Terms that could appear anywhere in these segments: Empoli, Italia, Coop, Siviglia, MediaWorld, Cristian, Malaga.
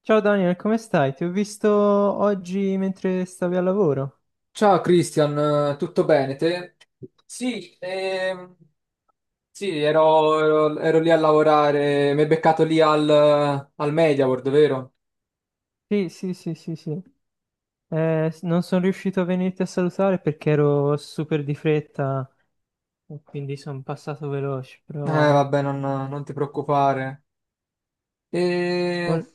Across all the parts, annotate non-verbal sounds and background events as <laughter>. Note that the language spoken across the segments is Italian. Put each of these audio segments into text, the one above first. Ciao Daniel, come stai? Ti ho visto oggi mentre stavi al lavoro. Ciao Cristian, tutto bene te? Sì, sì, ero lì a lavorare, mi hai beccato lì al, al MediaWorld, vero? Sì, sì, sì, sì, sì. Non sono riuscito a venirti a salutare perché ero super di fretta e quindi sono passato veloce, però Vabbè, non ti preoccupare. E... vol-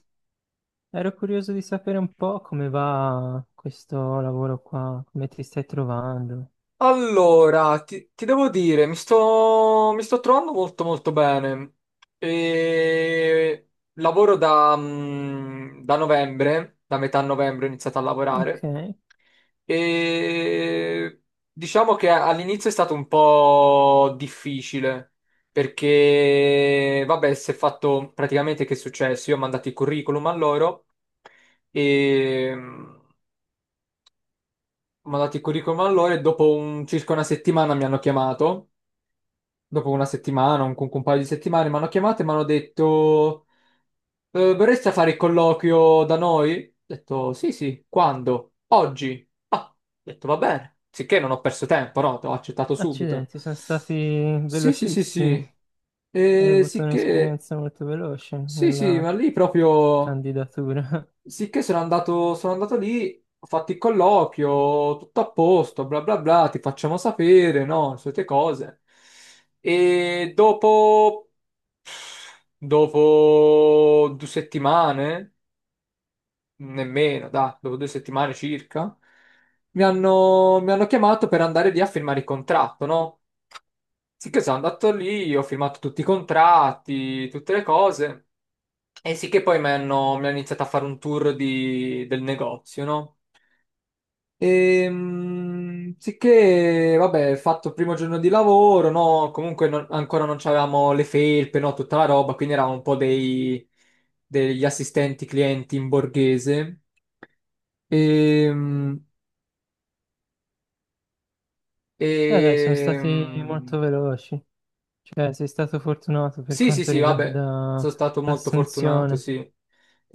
ero curioso di sapere un po' come va questo lavoro qua, come ti stai trovando. Allora, ti devo dire, mi sto trovando molto molto bene. E... Lavoro da, da novembre, da metà novembre ho iniziato a Ok, lavorare. E diciamo che all'inizio è stato un po' difficile perché, vabbè, si è fatto praticamente che è successo? Io ho mandato il curriculum a loro e ho mandato il curriculum a loro e dopo circa una settimana mi hanno chiamato. Dopo una settimana, un paio di settimane mi hanno chiamato e mi hanno detto. Vorresti fare il colloquio da noi? Ho detto, sì, sì, quando? Oggi? Ah, ho detto, va bene. Sicché non ho perso tempo, no? Ho accettato subito. accidenti, sono stati Sì, sì, sì, velocissimi. sì. Hai Eh, avuto sicché, un'esperienza molto veloce sì, sì, nella ma lì proprio, candidatura. <laughs> sicché sono andato lì, ho fatto il colloquio, tutto a posto, bla bla bla, ti facciamo sapere, no? Le solite cose. E dopo, dopo due settimane, nemmeno, dai, dopo due settimane circa, mi hanno chiamato per andare lì a firmare il contratto, no? Sì che sono andato lì, ho firmato tutti i contratti, tutte le cose, e sì che poi mi hanno iniziato a fare un tour del negozio, no? Sì che, vabbè, ho fatto il primo giorno di lavoro, no? Comunque ancora non avevamo le felpe, no? Tutta la roba, quindi eravamo un po' dei, degli assistenti clienti in borghese. Ehm, Beh, dai, sono stati Ehm, molto veloci. Cioè, sei stato fortunato per Sì, sì, quanto sì, vabbè, riguarda sono stato molto fortunato, l'assunzione. sì.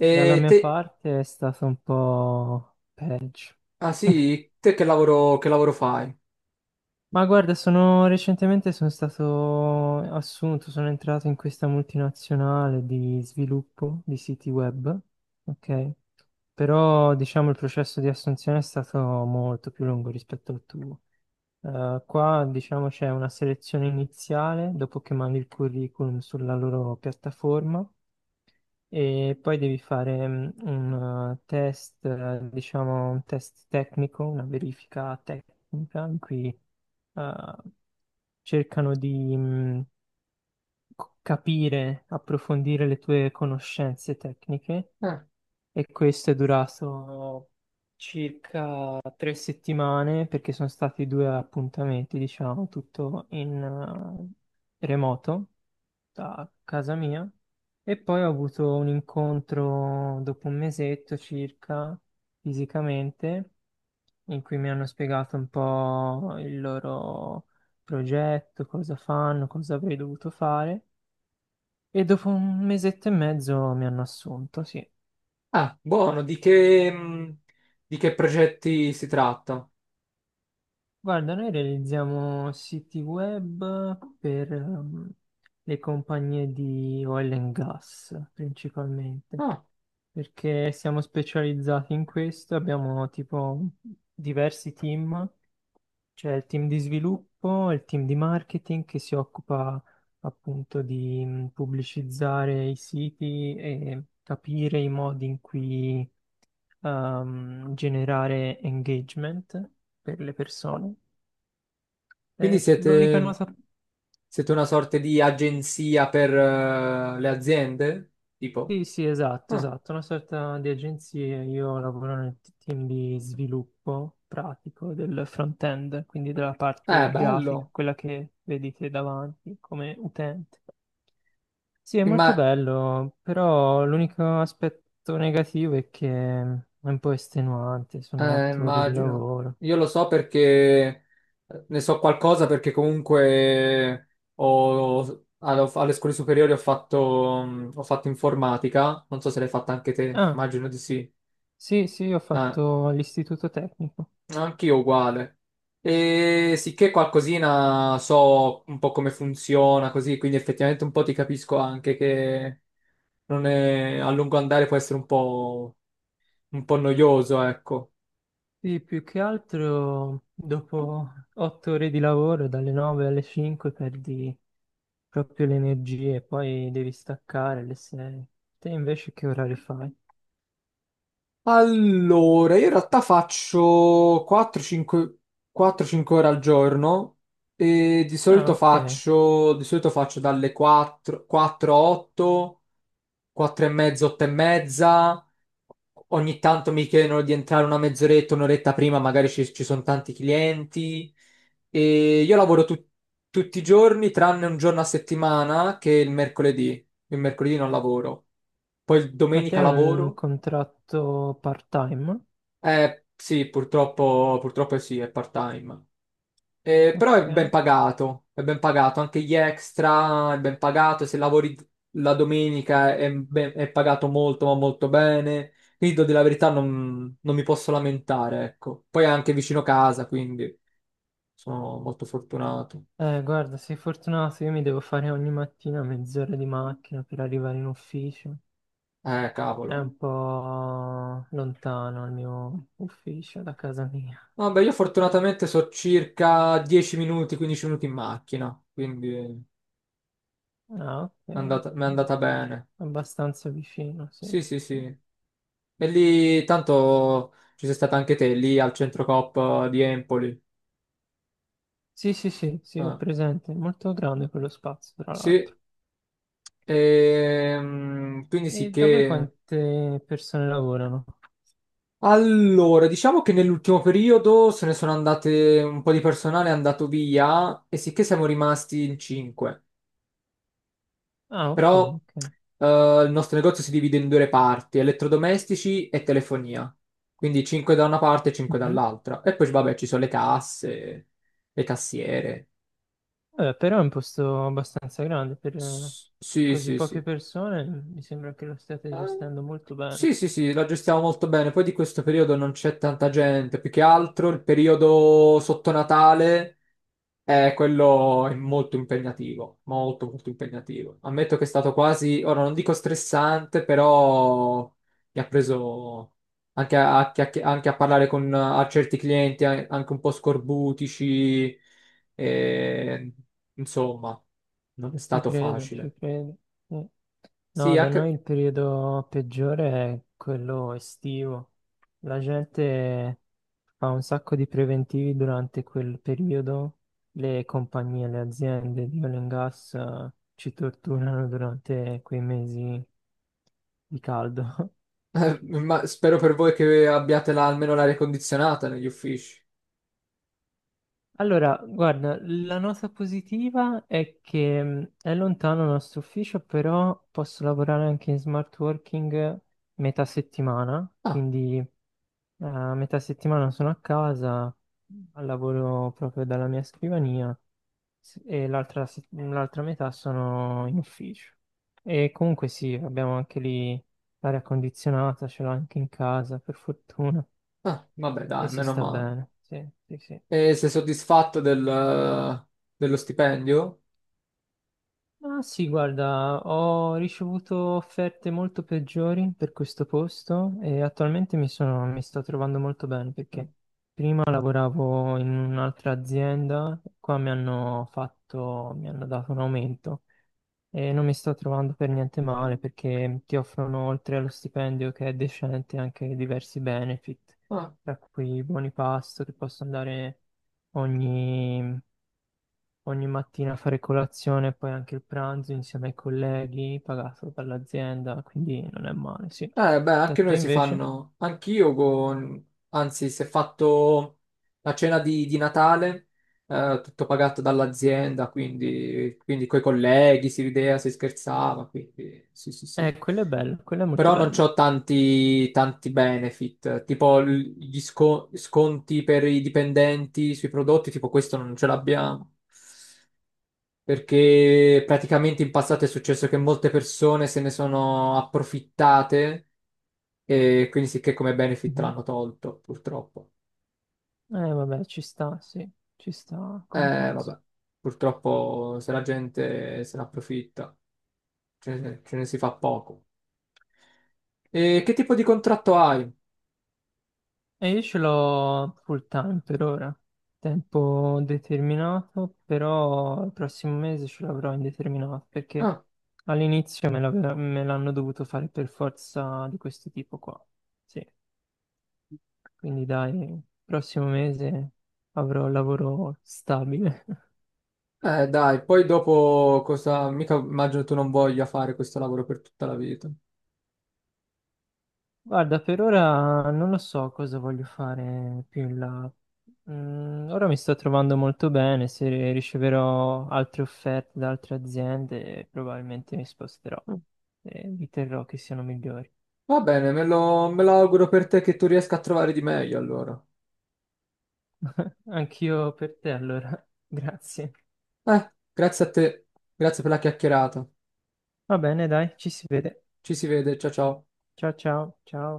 Dalla mia te, parte è stato un po' peggio. ah sì, te che lavoro fai? Ma guarda, sono recentemente sono stato assunto, sono entrato in questa multinazionale di sviluppo di siti web, ok? Però diciamo il processo di assunzione è stato molto più lungo rispetto al tuo. Qua diciamo c'è una selezione iniziale dopo che mandi il curriculum sulla loro piattaforma e poi devi fare un test, diciamo un test tecnico, una verifica tecnica in cui eh, cercano di capire, approfondire le tue conoscenze tecniche Ah, e questo è durato circa tre settimane perché sono stati due appuntamenti, diciamo, tutto in remoto a casa mia e poi ho avuto un incontro dopo un mesetto circa fisicamente in cui mi hanno spiegato un po' il loro progetto, cosa fanno, cosa avrei dovuto fare e dopo un mesetto e mezzo mi hanno assunto, sì. ah, buono, di che progetti si tratta? Guarda, noi realizziamo siti web per le compagnie di oil and gas principalmente. Ah, Perché siamo specializzati in questo, abbiamo tipo diversi team, c'è il team di sviluppo, il team di marketing che si occupa appunto di pubblicizzare i siti e capire i modi in cui generare engagement per le persone. quindi L'unica siete, nota. siete una sorta di agenzia per le aziende? Tipo, Sì, sì, esatto, ah, esatto, una sorta di agenzia. Io lavoro nel team di sviluppo pratico del front-end, quindi della è parte grafica, bello. quella che vedete davanti come utente. Sì, è molto Imma- bello, però l'unico aspetto negativo è che è un po' estenuante, sono otto ore di immagino. lavoro. Io lo so perché ne so qualcosa perché comunque alle scuole superiori ho fatto, ho fatto informatica. Non so se l'hai fatta anche te, Ah, immagino di sì. sì, sì, ho Eh, fatto l'istituto tecnico. anch'io uguale. E sicché qualcosina so un po' come funziona così, quindi effettivamente un po' ti capisco anche che non è, a lungo andare può essere un po' noioso, ecco. Sì, più che altro dopo otto ore di lavoro, dalle 9 alle 5, perdi proprio le energie, poi devi staccare alle 6. Te invece che orari fai? Allora, io in realtà faccio 4-5 ore al giorno e Ah, ok. Di solito faccio dalle 4 a 8, 4 e mezza, 8 e mezza. Ogni tanto mi chiedono di entrare una mezz'oretta, un'oretta prima, magari ci sono tanti clienti. E io lavoro tutti i giorni, tranne un giorno a settimana, che è il mercoledì. Il mercoledì non lavoro. Poi il Ma te domenica hai un lavoro contratto part-time? Sì, purtroppo sì, è part-time. Però Ok. È ben pagato, anche gli extra è ben pagato, se lavori la domenica è, è pagato molto, ma molto bene. Quindi, devo dire la verità, non mi posso lamentare, ecco. Poi è anche vicino casa, quindi sono molto fortunato. Guarda, sei fortunato, io mi devo fare ogni mattina mezz'ora di macchina per arrivare in ufficio. È Cavolo. un po' lontano il mio ufficio da casa mia. Vabbè, io fortunatamente so circa 10 minuti, 15 minuti in macchina, quindi è Ah, ok, mi è ok. andata bene. Abbastanza vicino, sì. Sì, sì, sì. E lì, tanto ci sei stata anche te, lì al centro Coop di Empoli. Sì, sì, sì, sì, ho Ah, presente. È molto grande quello spazio, tra sì, l'altro. Quindi sì E da voi che... quante persone lavorano? Allora, diciamo che nell'ultimo periodo se ne sono andate un po' di personale, è andato via e sì che siamo rimasti in cinque. Ah, ok, Però ok. Il nostro negozio si divide in due parti, elettrodomestici e telefonia. Quindi 5 da una parte e 5 Mhm. dall'altra. E poi vabbè, ci sono le casse, le cassiere. Vabbè, però è un posto abbastanza grande per Sì, così sì, poche sì. persone. Mi sembra che lo state Eh, gestendo molto bene. sì, sì, sì, la gestiamo molto bene. Poi di questo periodo non c'è tanta gente, più che altro il periodo sotto Natale è quello è molto impegnativo, molto molto impegnativo. Ammetto che è stato quasi, ora non dico stressante, però mi ha preso anche a anche a parlare con a certi clienti anche un po' scorbutici, e, insomma, non è Ci stato credo, ci facile. credo. Sì. No, Sì, da noi anche. il periodo peggiore è quello estivo. La gente fa un sacco di preventivi durante quel periodo, le compagnie, le aziende di oil and gas ci torturano durante quei mesi di caldo. <laughs> Ma spero per voi che abbiate almeno l'aria condizionata negli uffici. Allora, guarda, la nota positiva è che è lontano il nostro ufficio, però posso lavorare anche in smart working metà settimana, Ah, quindi a metà settimana sono a casa, lavoro proprio dalla mia scrivania. Sì, e l'altra se- l'altra metà sono in ufficio. E comunque sì, abbiamo anche lì l'aria condizionata, ce l'ho anche in casa, per fortuna, ah, vabbè, e dai, si meno sta male. bene. Sì, sì, sì. E sei soddisfatto del, dello stipendio? Ma sì, guarda, ho ricevuto offerte molto peggiori per questo posto e attualmente mi sto trovando molto bene perché prima lavoravo in un'altra azienda, qua mi hanno dato un aumento. E non mi sto trovando per niente male perché ti offrono, oltre allo stipendio che è decente, anche diversi benefit, Ah, tra cui buoni pasto che posso andare ogni, ogni mattina a fare colazione e poi anche il pranzo insieme ai colleghi, pagato dall'azienda, quindi non è male, sì. ah, beh, Da anche te noi si invece? fanno, anch'io con, anzi, si è fatto la cena di Natale, tutto pagato dall'azienda, quindi, quindi coi colleghi si rideva, si scherzava, quindi sì, sì, sì. Quello è bello, quello è molto Però non bello. c'ho tanti benefit, tipo sconti per i dipendenti sui prodotti, tipo questo non ce l'abbiamo, perché praticamente in passato è successo che molte persone se ne sono approfittate e quindi sì che come benefit Mhm. l'hanno tolto, purtroppo. Vabbè, ci sta, sì, ci sta come cosa. Vabbè, purtroppo se la gente se ne approfitta, ce ne si fa poco. E che tipo di contratto hai? E io ce l'ho full time per ora, tempo determinato, però il prossimo mese ce l'avrò indeterminato perché Ah. all'inizio me l'hanno dovuto fare per forza di questo tipo qua. Sì, quindi dai, prossimo mese avrò lavoro stabile. Dai, poi dopo cosa... Mica immagino tu non voglia fare questo lavoro per tutta la vita. Guarda, per ora non lo so cosa voglio fare più in là. Mm, ora mi sto trovando molto bene, se riceverò altre offerte da altre aziende, probabilmente mi sposterò e vi terrò che siano migliori. Va bene, me lo auguro per te che tu riesca a trovare di meglio allora. Anch'io per te allora, <laughs> grazie. Grazie a te, grazie per la chiacchierata. Va bene, dai, ci si vede. Ci si vede, ciao ciao. Ciao ciao, ciao.